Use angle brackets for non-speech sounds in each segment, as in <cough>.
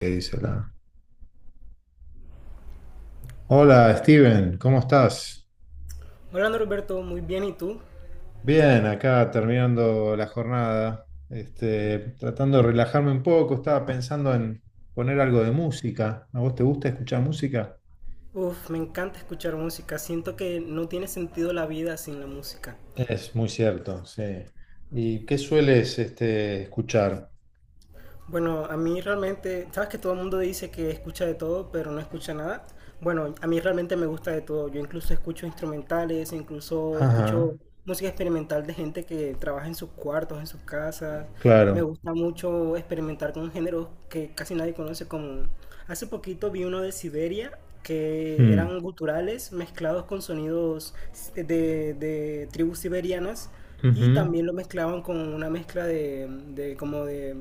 ¿Qué dice la? Hola, Steven, ¿cómo estás? Hola Norberto, muy bien, ¿y tú? Bien, acá terminando la jornada, tratando de relajarme un poco, estaba pensando en poner algo de música. ¿A vos te gusta escuchar música? Uf, me encanta escuchar música, siento que no tiene sentido la vida sin la música. Es muy cierto, sí. ¿Y qué sueles escuchar? Bueno, a mí realmente, sabes que todo el mundo dice que escucha de todo, pero no escucha nada. Bueno, a mí realmente me gusta de todo. Yo incluso escucho instrumentales, incluso escucho Ajá, música experimental de gente que trabaja en sus cuartos, en sus casas. Me claro. gusta mucho experimentar con géneros que casi nadie conoce, como hace poquito vi uno de Siberia que Hmm, eran guturales mezclados con sonidos de, de tribus siberianas, y ujú. también lo mezclaban con una mezcla de, de como de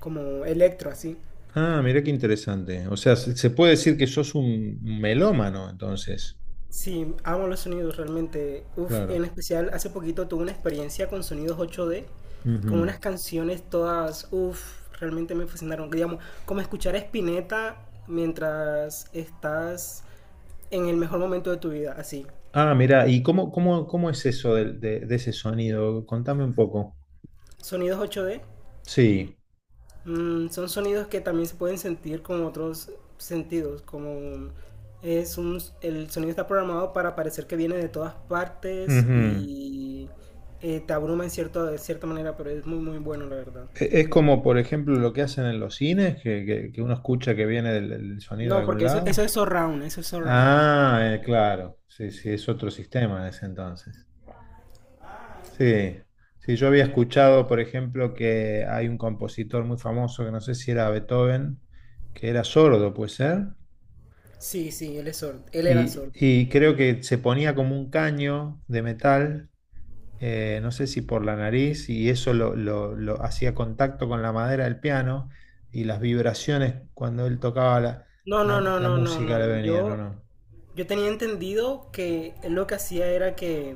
como electro así. Ah, mirá qué interesante. O sea, se puede decir que sos un melómano, entonces. Sí, amo los sonidos realmente. Uf, en Claro. especial hace poquito tuve una experiencia con sonidos 8D, con unas canciones todas, uf, realmente me fascinaron. Digamos, como escuchar a Spinetta mientras estás en el mejor momento de tu vida, así. Ah, mira, ¿y cómo es eso de ese sonido? Contame un poco. Sonidos 8D. Sí. Mm, son sonidos que también se pueden sentir con otros sentidos, como es el sonido está programado para parecer que viene de todas partes Ujú. y te abruma en cierto, de cierta manera, pero es muy muy bueno la verdad. Es como, por ejemplo, lo que hacen en los cines, que uno escucha que viene del sonido de No, algún porque eso lado. es surround, eso es surround. Ah, claro. Sí, sí, es otro sistema en ese entonces. Sí. Sí, yo había escuchado, por ejemplo, que hay un compositor muy famoso, que no sé si era Beethoven, que era sordo, ¿puede ser? Sí, sí, él es sordo, él era Y, sordo. y creo que se ponía como un caño de metal no sé si por la nariz, y eso lo hacía contacto con la madera del piano y las vibraciones cuando él tocaba la, No, no, la- no, la no, no, música le no. venían, ¿o Yo, no? yo tenía entendido que él lo que hacía era que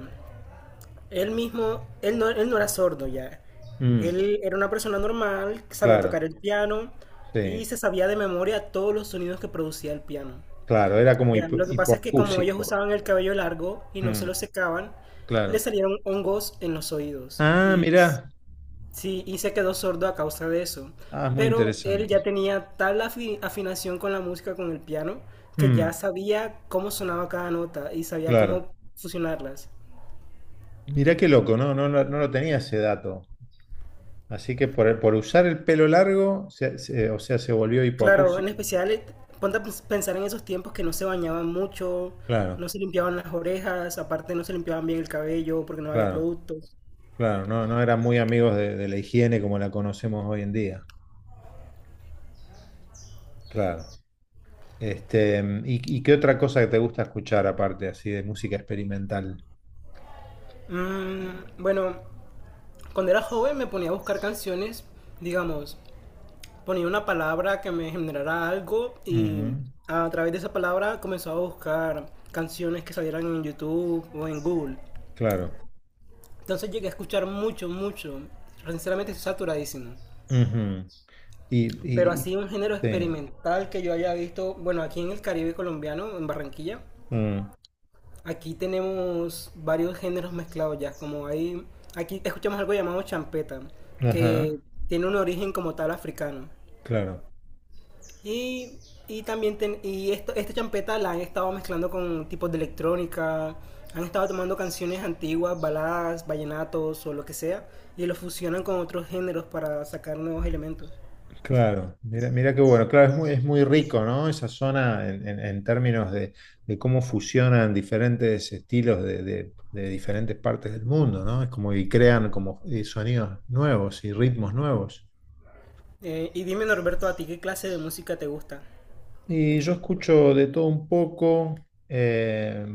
él mismo, él no era sordo ya. Mm, Él era una persona normal, que sabía tocar claro, el piano y sí, se sabía de memoria todos los sonidos que producía el piano. claro, era como Ya, lo que pasa es que como ellos hipoacúsico. usaban el cabello largo y no se lo Mm, secaban, le claro. salieron hongos en los oídos Ah, y mirá, sí, y se quedó sordo a causa de eso. ah, es muy Pero él interesante. ya tenía tal afinación con la música, con el piano, que ya Mm, sabía cómo sonaba cada nota y sabía claro. cómo fusionarlas. Mirá qué loco, ¿no? No, no lo tenía ese dato. Así que por usar el pelo largo, o sea, se volvió Claro, en hipoacúsico. especial, ponte a pensar en esos tiempos que no se bañaban mucho, Claro, no se limpiaban las orejas, aparte no se limpiaban bien el cabello porque no había claro. productos. Claro, no, no eran muy amigos de la higiene como la conocemos hoy en día. Claro. ¿Y qué otra cosa que te gusta escuchar aparte así de música experimental? Mm, bueno, cuando era joven me ponía a buscar canciones, digamos, ponía una palabra que me generara algo y Ujú, a través de esa palabra comenzaba a buscar canciones que salieran en YouTube o en Google. claro. Entonces llegué a escuchar mucho, mucho. Sinceramente estoy saturadísimo. Ujú. Y, Pero y- y- así un género sí. experimental que yo haya visto, bueno, aquí en el Caribe colombiano, en Barranquilla, Mm, aquí tenemos varios géneros mezclados ya, como hay, aquí escuchamos algo llamado champeta, ajá. que tiene un origen como tal africano. Claro. Y, y también, esta champeta la han estado mezclando con tipos de electrónica, han estado tomando canciones antiguas, baladas, vallenatos o lo que sea, y lo fusionan con otros géneros para sacar nuevos elementos. Claro. Mira qué bueno. Claro, es muy rico, ¿no? Esa zona en términos de- de cómo fusionan diferentes estilos de diferentes partes del mundo, ¿no? Es como y crean como sonidos nuevos y ritmos nuevos. Y dime Norberto, ¿a ti qué clase de música te gusta? Y yo escucho de todo un poco, eh,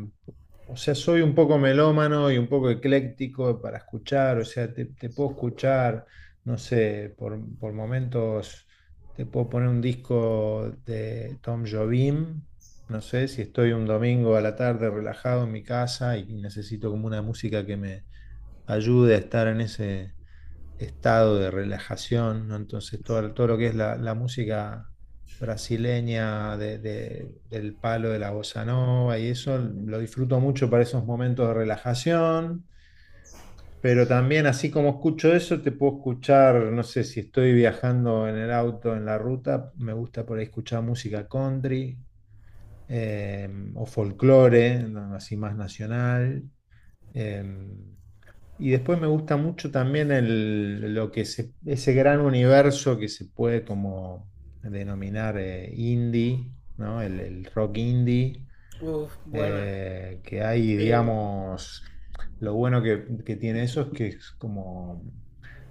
o sea, soy un poco melómano y un poco ecléctico para escuchar, o sea, te puedo escuchar, no sé, por momentos te puedo poner un disco de Tom Jobim, no sé, si estoy un domingo a la tarde relajado en mi casa y necesito como una música que me ayude a estar en ese estado de relajación, ¿no? Entonces todo lo que es la música brasileña del palo de la bossa nova y eso lo disfruto mucho para esos momentos de relajación, pero también así como escucho eso, te puedo escuchar, no sé, si estoy viajando en el auto, en la ruta, me gusta por ahí escuchar música country eh, o folclore, ¿no? Así más nacional. eh, y después me gusta mucho también el, lo que se- ese gran universo que se puede como denominar indie, ¿no? El rock indie, Uf, buena. Que hay, Eh, digamos, lo bueno que tiene eso es que es como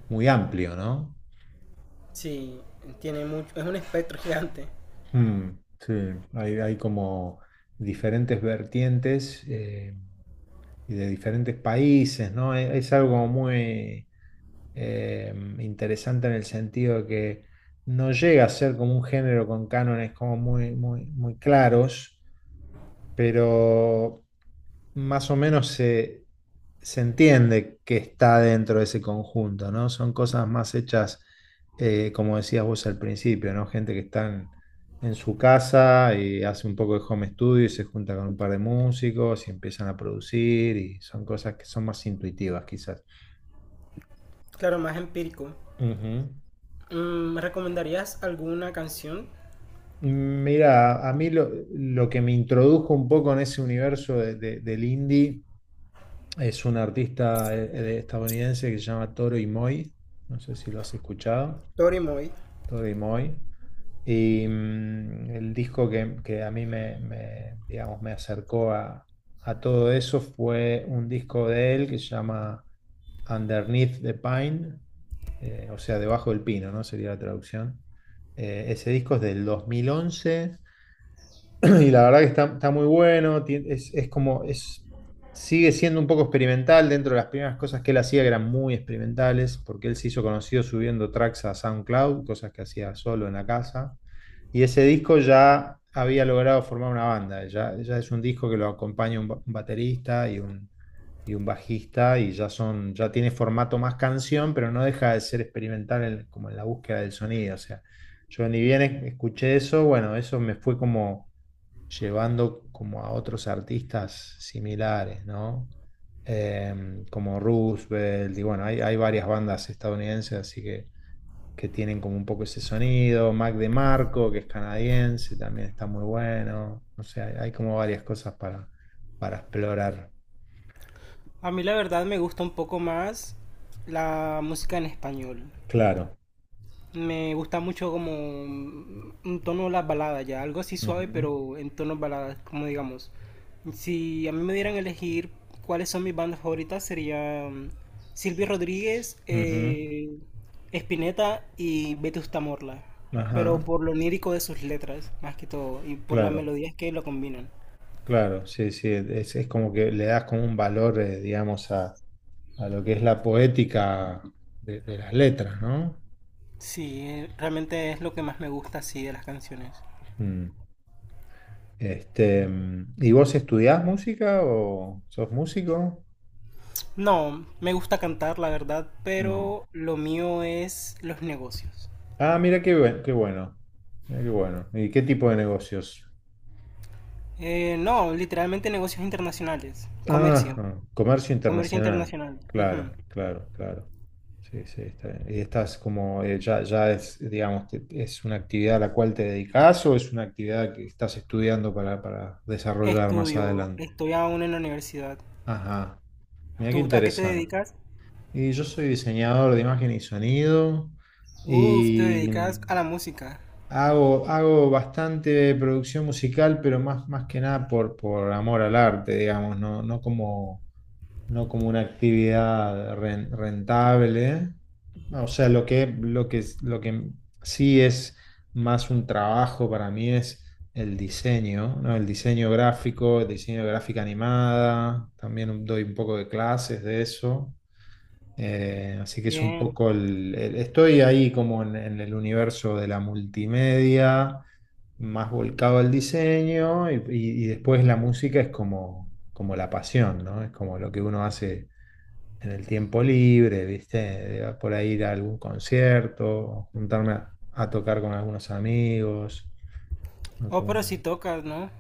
muy amplio, ¿no? sí, tiene mucho. Es un espectro <laughs> gigante. Mm, sí, hay como diferentes vertientes y de diferentes países, ¿no? Es algo muy eh, interesante en el sentido de que no llega a ser como un género con cánones como muy, muy, muy claros, pero más o menos se entiende que está dentro de ese conjunto, ¿no? Son cosas más hechas, como decías vos al principio, ¿no? Gente que está en su casa y hace un poco de home studio y se junta con un par de músicos y empiezan a producir y son cosas que son más intuitivas quizás. Claro, más empírico. Ujú. Mm, ¿me recomendarías alguna canción? Mira, a mí lo que me introdujo un poco en ese universo del indie es un artista estadounidense que se llama Toro y Moi. No sé si lo has escuchado. Tori Moy. Toro y Moi. Y el disco que a mí me, digamos, me acercó a todo eso fue un disco de él que se llama Underneath the Pine. O sea, debajo del pino, ¿no? Sería la traducción. Ese disco es del 2011. <clears throat> Y la verdad que está muy bueno. Sigue siendo un poco experimental dentro de las primeras cosas que él hacía, que eran muy experimentales, porque él se hizo conocido subiendo tracks a SoundCloud, cosas que hacía solo en la casa. Y ese disco ya había logrado formar una banda. Ya es un disco que lo acompaña un baterista y un bajista, ya tiene formato más canción, pero no deja de ser experimental como en la búsqueda del sonido. O sea, yo ni bien escuché eso, bueno, eso me fue como llevando como a otros artistas similares, ¿no? Como Roosevelt, y bueno, hay varias bandas estadounidenses, así que tienen como un poco ese sonido, Mac DeMarco, que es canadiense, también está muy bueno. O sea, hay como varias cosas para explorar. A mí la verdad me gusta un poco más la música en español. Claro, Me gusta mucho como un tono de las baladas ya, algo así suave ujú, pero en tonos baladas, como digamos. Si a mí me dieran a elegir cuáles son mis bandas favoritas sería mm, Silvio Rodríguez, ujú, Spinetta y Vetusta Morla, pero ajá, por lo lírico de sus letras más que todo y por las claro. melodías que lo combinan. Claro, sí, sí, es como que le das como un valor, digamos, a lo que es la poética de las letras, ¿no? Sí, realmente es lo que más me gusta así de las canciones. Mm. ¿Y vos estudiás música o sos músico? No, me gusta cantar, la verdad, Mm. pero lo mío es los negocios. Ah, mira qué bueno. Mira qué bueno. ¿Y qué tipo de negocios? No, literalmente negocios internacionales, comercio, Ah, comercio comercio internacional. internacional. Ujú. Claro, claro, claro. Sí, sí, está bien. Y estás como, ya es, digamos, es una actividad a la cual te dedicas o es una actividad que estás estudiando para desarrollar más Estudio, adelante. estoy aún en la universidad. Ajá, mira qué ¿Tú a qué te interesante. dedicas? Y yo soy diseñador de imagen y sonido Uf, te y dedicas a la música. hago bastante producción musical, pero más que nada por amor al arte, digamos, no como una actividad rentable. O sea, lo que sí es más un trabajo para mí es el diseño, ¿no? El diseño gráfico, el diseño de gráfica animada, también doy un poco de clases de eso. Así que es un Bien. poco estoy ahí como en el universo de la multimedia, más volcado al diseño, y después la música es como la pasión, ¿no? Es como lo que uno hace en el tiempo libre, ¿viste? Por ahí ir a algún concierto, juntarme a tocar con algunos amigos. ¿No? Oh, Como pero si una- tocas, ¿no?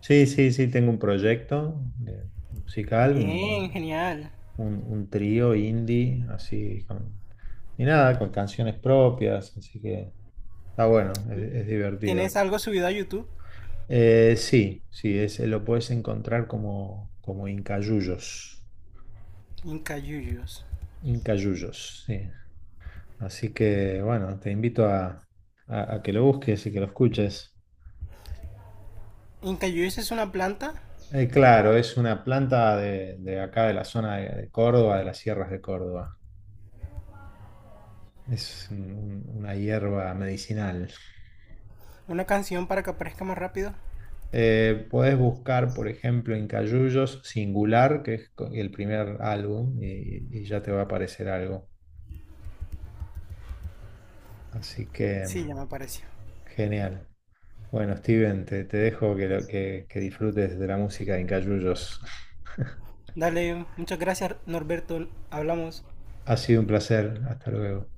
Sí, sí, sí, tengo un proyecto musical, Bien, un, genial. un, un trío indie, así, y nada, con canciones propias, así que está bueno, es ¿Tienes divertido. algo subido a YouTube? Sí, sí, lo puedes encontrar como Incayullos. Incayuyos. Incayullos, sí. Así que bueno, te invito a que lo busques y que lo escuches. ¿Incayuyos es una planta? Claro, es una planta de acá de la zona de Córdoba, de las sierras de Córdoba. Es una hierba medicinal. ¿Una canción para que aparezca más rápido? Podés buscar, por ejemplo, en Cayullos Singular, que es el primer álbum, y ya te va a aparecer algo. Así que, Sí, ya me mm, apareció. genial. Bueno, Steven, te dejo que, lo- que disfrutes de la música de Cayullos. <laughs> Dale, muchas gracias, Norberto. Hablamos. Ha sido un placer. Hasta luego.